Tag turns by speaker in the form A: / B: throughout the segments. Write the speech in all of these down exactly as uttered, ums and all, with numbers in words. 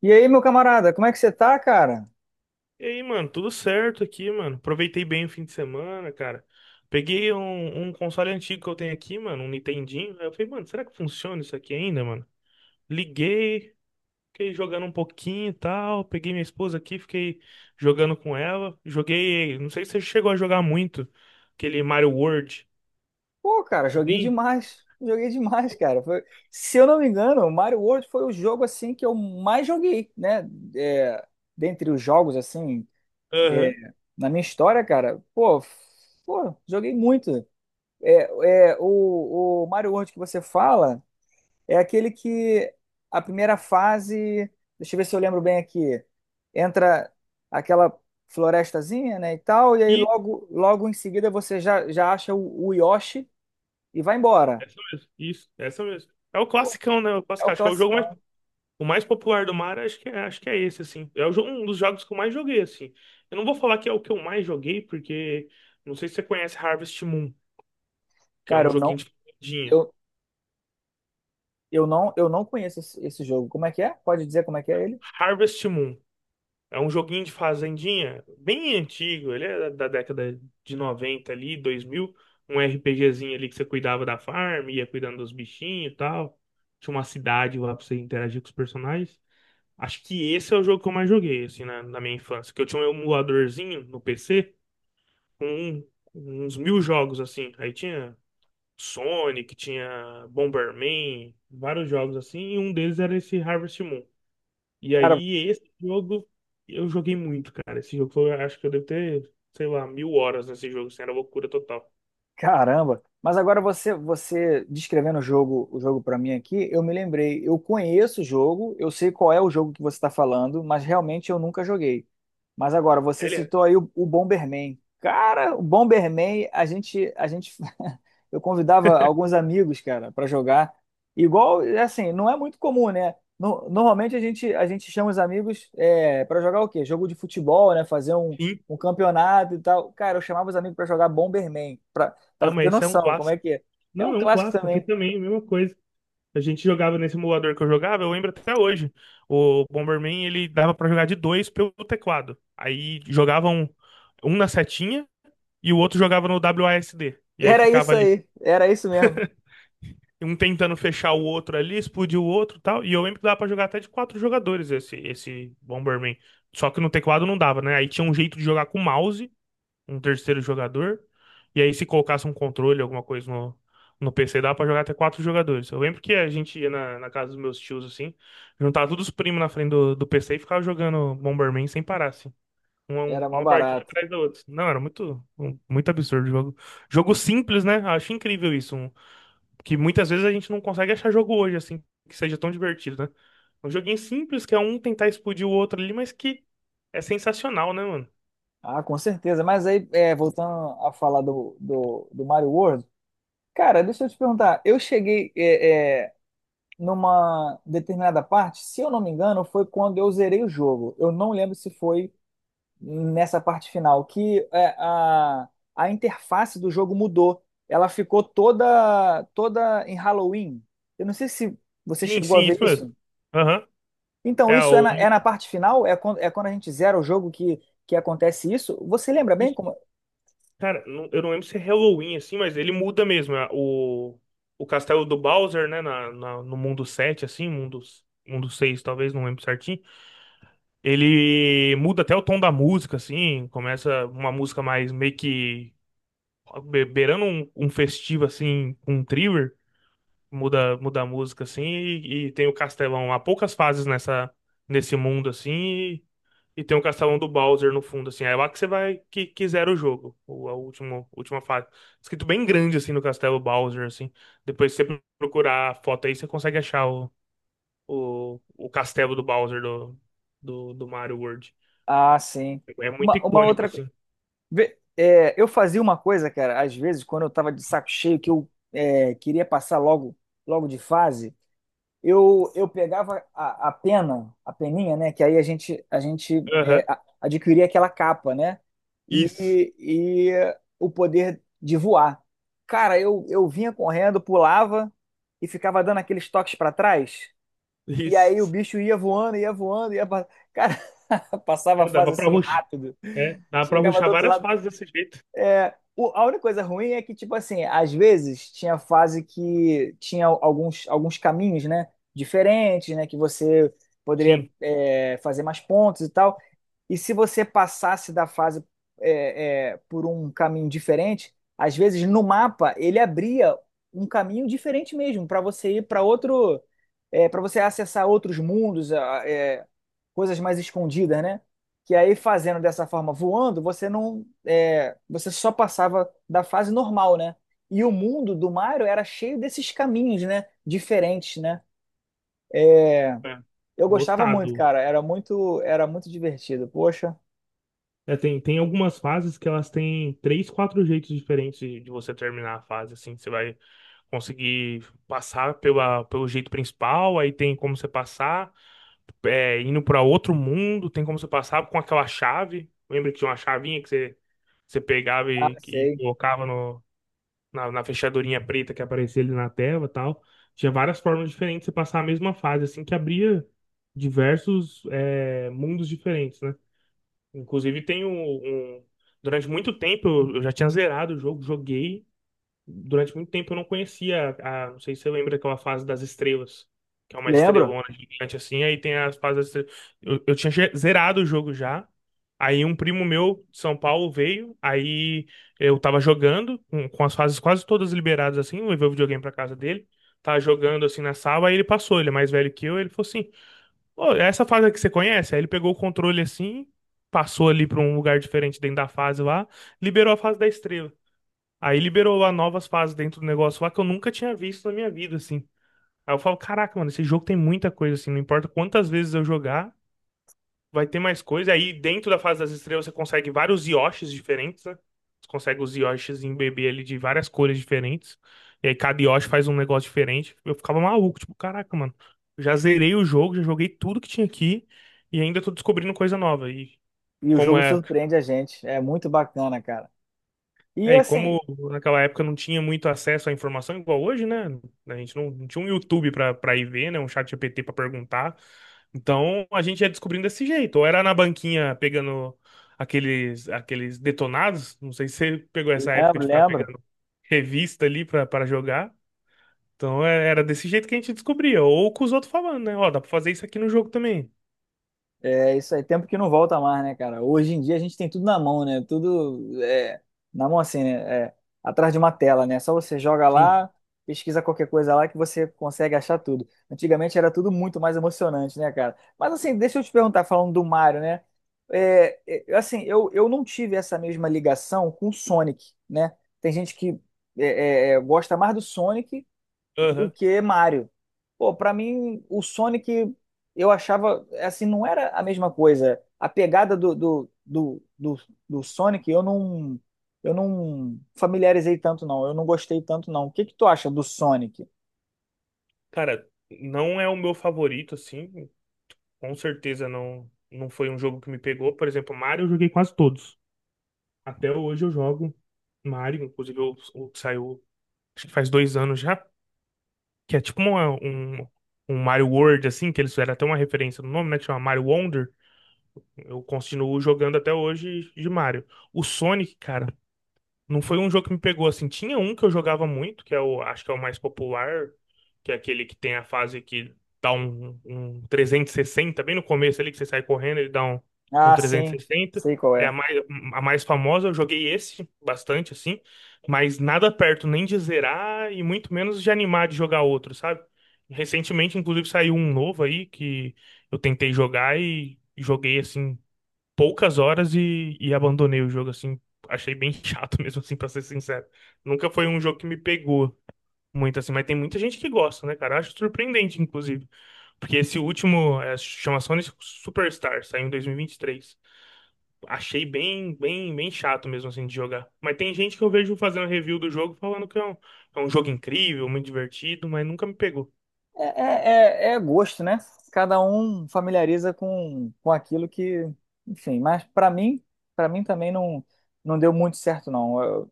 A: E aí, meu camarada, como é que você tá, cara?
B: E aí, mano, tudo certo aqui, mano. Aproveitei bem o fim de semana, cara. Peguei um, um console antigo que eu tenho aqui, mano, um Nintendinho. Aí eu falei, mano, será que funciona isso aqui ainda, mano? Liguei, fiquei jogando um pouquinho e tal. Peguei minha esposa aqui, fiquei jogando com ela. Joguei, não sei se você chegou a jogar muito, aquele Mario World.
A: Pô, cara, joguei
B: Sim,
A: demais. Joguei demais, cara. Foi- Se eu não me engano, o Mario World foi o jogo assim que eu mais joguei, né? É, dentre os jogos assim, é,
B: aham.
A: na minha história, cara. Pô, f- pô, joguei muito. É, é, o, o Mario World que você fala. É aquele que a primeira fase, deixa eu ver se eu lembro bem aqui, entra aquela florestazinha, né, e tal, e aí
B: E
A: logo, logo em seguida você já, já acha o, o Yoshi e vai embora.
B: essa mesmo, isso, essa mesmo. É o
A: Pô,
B: classicão, né? O
A: é
B: clássico,
A: o
B: acho que é o jogo mais
A: classicão.
B: o mais popular do mar, acho que é, acho que é esse, assim. É o jo- um dos jogos que eu mais joguei, assim. Eu não vou falar que é o que eu mais joguei, porque não sei se você conhece Harvest Moon, que é
A: Cara,
B: um
A: eu não,
B: joguinho de fazendinha.
A: eu, eu não, eu não conheço esse, esse jogo. Como é que é? Pode dizer como é que é ele?
B: Harvest Moon é um joguinho de fazendinha bem antigo, ele é da da década de noventa ali, dois mil. Um RPGzinho ali que você cuidava da farm, ia cuidando dos bichinhos e tal. Tinha uma cidade lá pra você interagir com os personagens. Acho que esse é o jogo que eu mais joguei, assim, na, na minha infância, que eu tinha um emuladorzinho no P C com uns mil jogos assim. Aí tinha Sonic, tinha Bomberman, vários jogos assim, e um deles era esse Harvest Moon. E
A: Cara,
B: aí esse jogo eu joguei muito, cara. Esse jogo foi, acho que eu devo ter, sei lá, mil horas nesse jogo, assim, era loucura total.
A: Caramba! Mas agora você você descrevendo o jogo, o jogo para mim aqui, eu me lembrei. Eu conheço o jogo, eu sei qual é o jogo que você está falando, mas realmente eu nunca joguei. Mas agora você
B: Ele é?
A: citou aí o, o Bomberman. Cara, o Bomberman, a gente a gente eu convidava alguns amigos, cara, para jogar. Igual, é assim, não é muito comum, né? No- normalmente a gente a gente chama os amigos é, para jogar o quê? Jogo de futebol, né? Fazer um
B: Sim.
A: um campeonato e tal. Cara, eu chamava os amigos para jogar Bomberman.
B: Ah,
A: Pra ter
B: mas isso é um
A: noção, como é
B: clássico.
A: que é. É
B: Não,
A: um
B: é um
A: clássico
B: clássico aqui
A: também.
B: também, a mesma coisa. A gente jogava nesse emulador que eu jogava, eu lembro até hoje. O Bomberman, ele dava pra jogar de dois pelo teclado. Aí jogavam um um na setinha. E o outro jogava no W A S D. E aí
A: Era
B: ficava
A: isso
B: ali.
A: aí, era isso mesmo.
B: Um tentando fechar o outro ali, explodir o outro e tal. E eu lembro que dava pra jogar até de quatro jogadores esse, esse Bomberman. Só que no teclado não dava, né? Aí tinha um jeito de jogar com mouse, um terceiro jogador. E aí, se colocasse um controle, alguma coisa no, no P C, dava pra jogar até quatro jogadores. Eu lembro que a gente ia na, na casa dos meus tios, assim, juntava todos os primos na frente do, do P C e ficava jogando Bomberman sem parar, assim. Uma, um,
A: Era mó
B: uma partida
A: barato.
B: atrás da outra. Não, era muito, um- muito absurdo o jogo. Jogo simples, né? Acho incrível isso. Um- que muitas vezes a gente não consegue achar jogo hoje, assim, que seja tão divertido, né? Um joguinho simples, que é um tentar explodir o outro ali, mas que é sensacional, né, mano?
A: Ah, com certeza. Mas aí, é, voltando a falar do, do, do Mario World, cara, deixa eu te perguntar. Eu cheguei é, é, numa determinada parte, se eu não me engano, foi quando eu zerei o jogo. Eu não lembro se foi nessa parte final, que é, a, a interface do jogo mudou. Ela ficou toda, toda em Halloween. Eu não sei se você
B: Sim,
A: chegou a
B: sim,
A: ver
B: isso mesmo.
A: isso.
B: Aham.
A: Então,
B: É,
A: isso é
B: o,
A: na, é
B: um,
A: na parte final? É quando, é quando a gente zera o jogo que, que acontece isso? Você lembra bem
B: isso-
A: como.
B: cara, não- eu não lembro se é Halloween, assim, mas ele muda mesmo. é, O, o castelo do Bowser, né, na, na- no mundo sete, assim, mundo, mundo seis talvez, não lembro certinho. Ele muda até o tom da música, assim, começa uma música mais meio que be- beirando um, um festivo, assim, com um thriller. Muda, muda a música, assim, e, e tem o Castelão. Há poucas fases nessa, nesse mundo, assim, e, e tem o Castelão do Bowser no fundo, assim. É lá que você vai, que quiser o jogo, o, a última, última fase. Escrito bem grande, assim, no Castelo Bowser, assim. Depois, se você procurar a foto aí, você consegue achar o, o, o Castelo do Bowser do, do, do Mario World.
A: Ah, sim.
B: É muito
A: Uma, uma
B: icônico,
A: outra. co-
B: assim.
A: Vê, é, eu fazia uma coisa, cara, às vezes, quando eu tava de saco cheio, que eu é, queria passar logo, logo de fase. Eu, eu pegava a, a pena, a peninha, né? Que aí a gente, a gente é,
B: Aham.
A: a- adquiria aquela capa, né?
B: Isso.
A: E, e o poder de voar. Cara, eu, eu vinha correndo, pulava e ficava dando aqueles toques para trás. E aí o
B: Isso.
A: bicho ia voando, ia voando, ia. pa- Cara, passava a
B: É,
A: fase
B: dava pra
A: assim
B: ruxar.
A: rápido.
B: É, dava pra
A: Chegava do
B: ruxar
A: outro
B: várias
A: lado
B: fases desse jeito.
A: é, o- a única coisa ruim é que, tipo assim, às vezes tinha fase que tinha alguns, alguns caminhos, né? Diferentes, né? Que você poderia,
B: Sim.
A: é, fazer mais pontos e tal. E se você passasse da fase é, é, por um caminho diferente, às vezes no mapa ele abria um caminho diferente mesmo, para você ir para outro, para você acessar outros mundos, a- é, coisas mais escondidas, né? Que aí fazendo dessa forma, voando, você não, é, você só passava da fase normal, né? E o mundo do Mario era cheio desses caminhos, né? Diferentes, né?
B: É.
A: Eu gostava muito,
B: Lotado.
A: cara. Era muito, era muito divertido. Poxa,
B: É, tem, tem algumas fases que elas têm três, quatro jeitos diferentes de, de você terminar a fase, assim. Você vai conseguir passar pela, pelo jeito principal, aí tem como você passar, é, indo pra outro mundo, tem como você passar com aquela chave. Lembra que tinha uma chavinha que você, você pegava
A: ah,
B: e, e
A: sei.
B: colocava no, na, na fechadurinha preta que aparecia ali na tela e tal. Tinha várias formas diferentes de você passar a mesma fase, assim, que abria diversos é, mundos diferentes, né? Inclusive tem. um, um- Durante muito tempo eu eu já tinha zerado o jogo, joguei. Durante muito tempo eu não conhecia, a, não sei se você lembra aquela fase das estrelas, que é uma
A: Lembro.
B: estrelona gigante assim, aí tem as fases das estrelas. Eu, eu tinha ge- zerado o jogo já. Aí um primo meu de São Paulo veio, aí eu tava jogando com, com as fases quase todas liberadas, assim, eu levei o videogame pra casa dele, tava jogando assim na sala, aí ele passou, ele é mais velho que eu, ele falou assim: "Ô, é essa fase que você conhece?" Aí ele pegou o controle assim, passou ali pra um lugar diferente dentro da fase lá, liberou a fase da estrela. Aí liberou lá novas fases dentro do negócio lá que eu nunca tinha visto na minha vida, assim. Aí eu falo, caraca, mano, esse jogo tem muita coisa, assim, não importa quantas vezes eu jogar, vai ter mais coisa. Aí dentro da fase das estrelas você consegue vários Yoshis diferentes, né? Você consegue os Yoshis em bebê ali de várias cores diferentes. E aí cada Yoshi faz um negócio diferente. Eu ficava maluco, tipo, caraca, mano, já zerei o jogo, já joguei tudo que tinha aqui e ainda tô descobrindo coisa nova. E
A: E o
B: como
A: jogo
B: é
A: surpreende a gente. É muito bacana, cara. E
B: É, e
A: assim,
B: como naquela época não tinha muito acesso à informação igual hoje, né? A gente não, não tinha um YouTube pra para ir ver, né? Um chat G P T pra perguntar. Então a gente ia descobrindo desse jeito. Ou era na banquinha pegando aqueles aqueles detonados. Não sei se você pegou essa época
A: lembro,
B: de ficar
A: lembro.
B: pegando revista ali pra para jogar. Então é- era desse jeito que a gente descobria. Ou com os outros falando, né? Ó, dá pra fazer isso aqui no jogo também.
A: É isso aí. Tempo que não volta mais, né, cara? Hoje em dia a gente tem tudo na mão, né? Tudo é, na mão assim, né? É, atrás de uma tela, né? Só você joga
B: Sim.
A: lá, pesquisa qualquer coisa lá que você consegue achar tudo. Antigamente era tudo muito mais emocionante, né, cara? Mas assim, deixa eu te perguntar, falando do Mario, né? É, é, assim, eu, eu não tive essa mesma ligação com o Sonic, né? Tem gente que é, é, é, gosta mais do Sonic do
B: Aham.
A: que Mario. Pô, pra mim, o Sonic eu achava assim, não era a mesma coisa. A pegada do, do, do, do, do Sonic eu não eu não familiarizei tanto, não. Eu não gostei tanto, não. O que que tu acha do Sonic?
B: Cara, não é o meu favorito, assim. Com certeza não, não foi um jogo que me pegou. Por exemplo, Mario eu joguei quase todos. Até hoje eu jogo Mario, inclusive o, o que saiu, acho que faz dois anos já, que é tipo uma- um, um Mario World, assim, que eles fizeram até uma referência no nome, né? Que chama Mario Wonder. Eu continuo jogando até hoje de Mario. O Sonic, cara, não foi um jogo que me pegou assim. Tinha um que eu jogava muito, que é o, acho que é o mais popular, que é aquele que tem a fase que dá um, um trezentos e sessenta bem no começo ali, que você sai correndo, ele dá um, um
A: Ah,
B: trezentos
A: sim,
B: e sessenta
A: sei qual
B: É a
A: é.
B: mais, a mais famosa, eu joguei esse bastante, assim, mas nada perto nem de zerar e muito menos de animar de jogar outro, sabe? Recentemente, inclusive, saiu um novo aí que eu tentei jogar e joguei assim poucas horas e, e abandonei o jogo, assim. Achei bem chato mesmo, assim, pra ser sincero. Nunca foi um jogo que me pegou muito, assim, mas tem muita gente que gosta, né, cara? Acho surpreendente, inclusive. Porque esse último é, chama Sonic Superstar, saiu em dois mil e vinte e três. Achei bem, bem, bem chato mesmo, assim, de jogar. Mas tem gente que eu vejo fazendo review do jogo falando que é um, é um jogo incrível, muito divertido, mas nunca me pegou.
A: É, é, é- É gosto, né? Cada um familiariza com, com aquilo que, enfim, mas pra mim, para mim também não, não deu muito certo, não.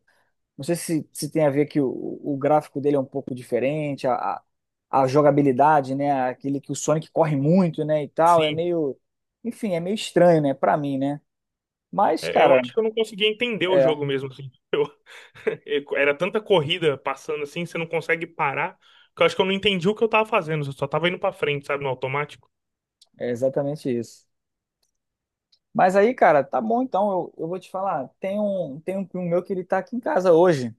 A: Não sei se, se tem a ver que o, o gráfico dele é um pouco diferente, a, a, a jogabilidade, né? Aquele que o Sonic corre muito, né? E tal, é
B: Sim.
A: meio. Enfim, é meio estranho, né? Pra mim, né? Mas,
B: É, eu
A: cara,
B: acho que eu não consegui entender o
A: é,
B: jogo mesmo, assim. Era tanta corrida passando assim, você não consegue parar. Que eu acho que eu não entendi o que eu tava fazendo. Eu só tava indo pra frente, sabe, no automático.
A: é exatamente isso. Mas aí, cara, tá bom então. Eu, eu vou te falar, tem um, tem um primo meu que ele tá aqui em casa hoje.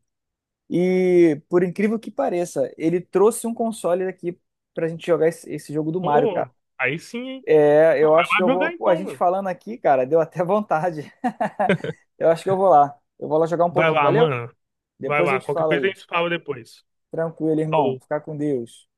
A: E, por incrível que pareça, ele trouxe um console aqui pra gente jogar esse, esse jogo do Mario, cara.
B: Pô, aí sim, hein?
A: É, eu acho que
B: Vai
A: eu vou.
B: jogar
A: Pô, a
B: então,
A: gente
B: mano.
A: falando aqui, cara, deu até vontade. Eu acho que eu vou lá. Eu vou lá jogar um
B: Vai
A: pouquinho,
B: lá,
A: valeu?
B: mano. Vai
A: Depois eu
B: lá.
A: te
B: Qualquer
A: falo
B: coisa a
A: aí.
B: gente se fala depois.
A: Tranquilo, irmão.
B: Falou.
A: Fica com Deus.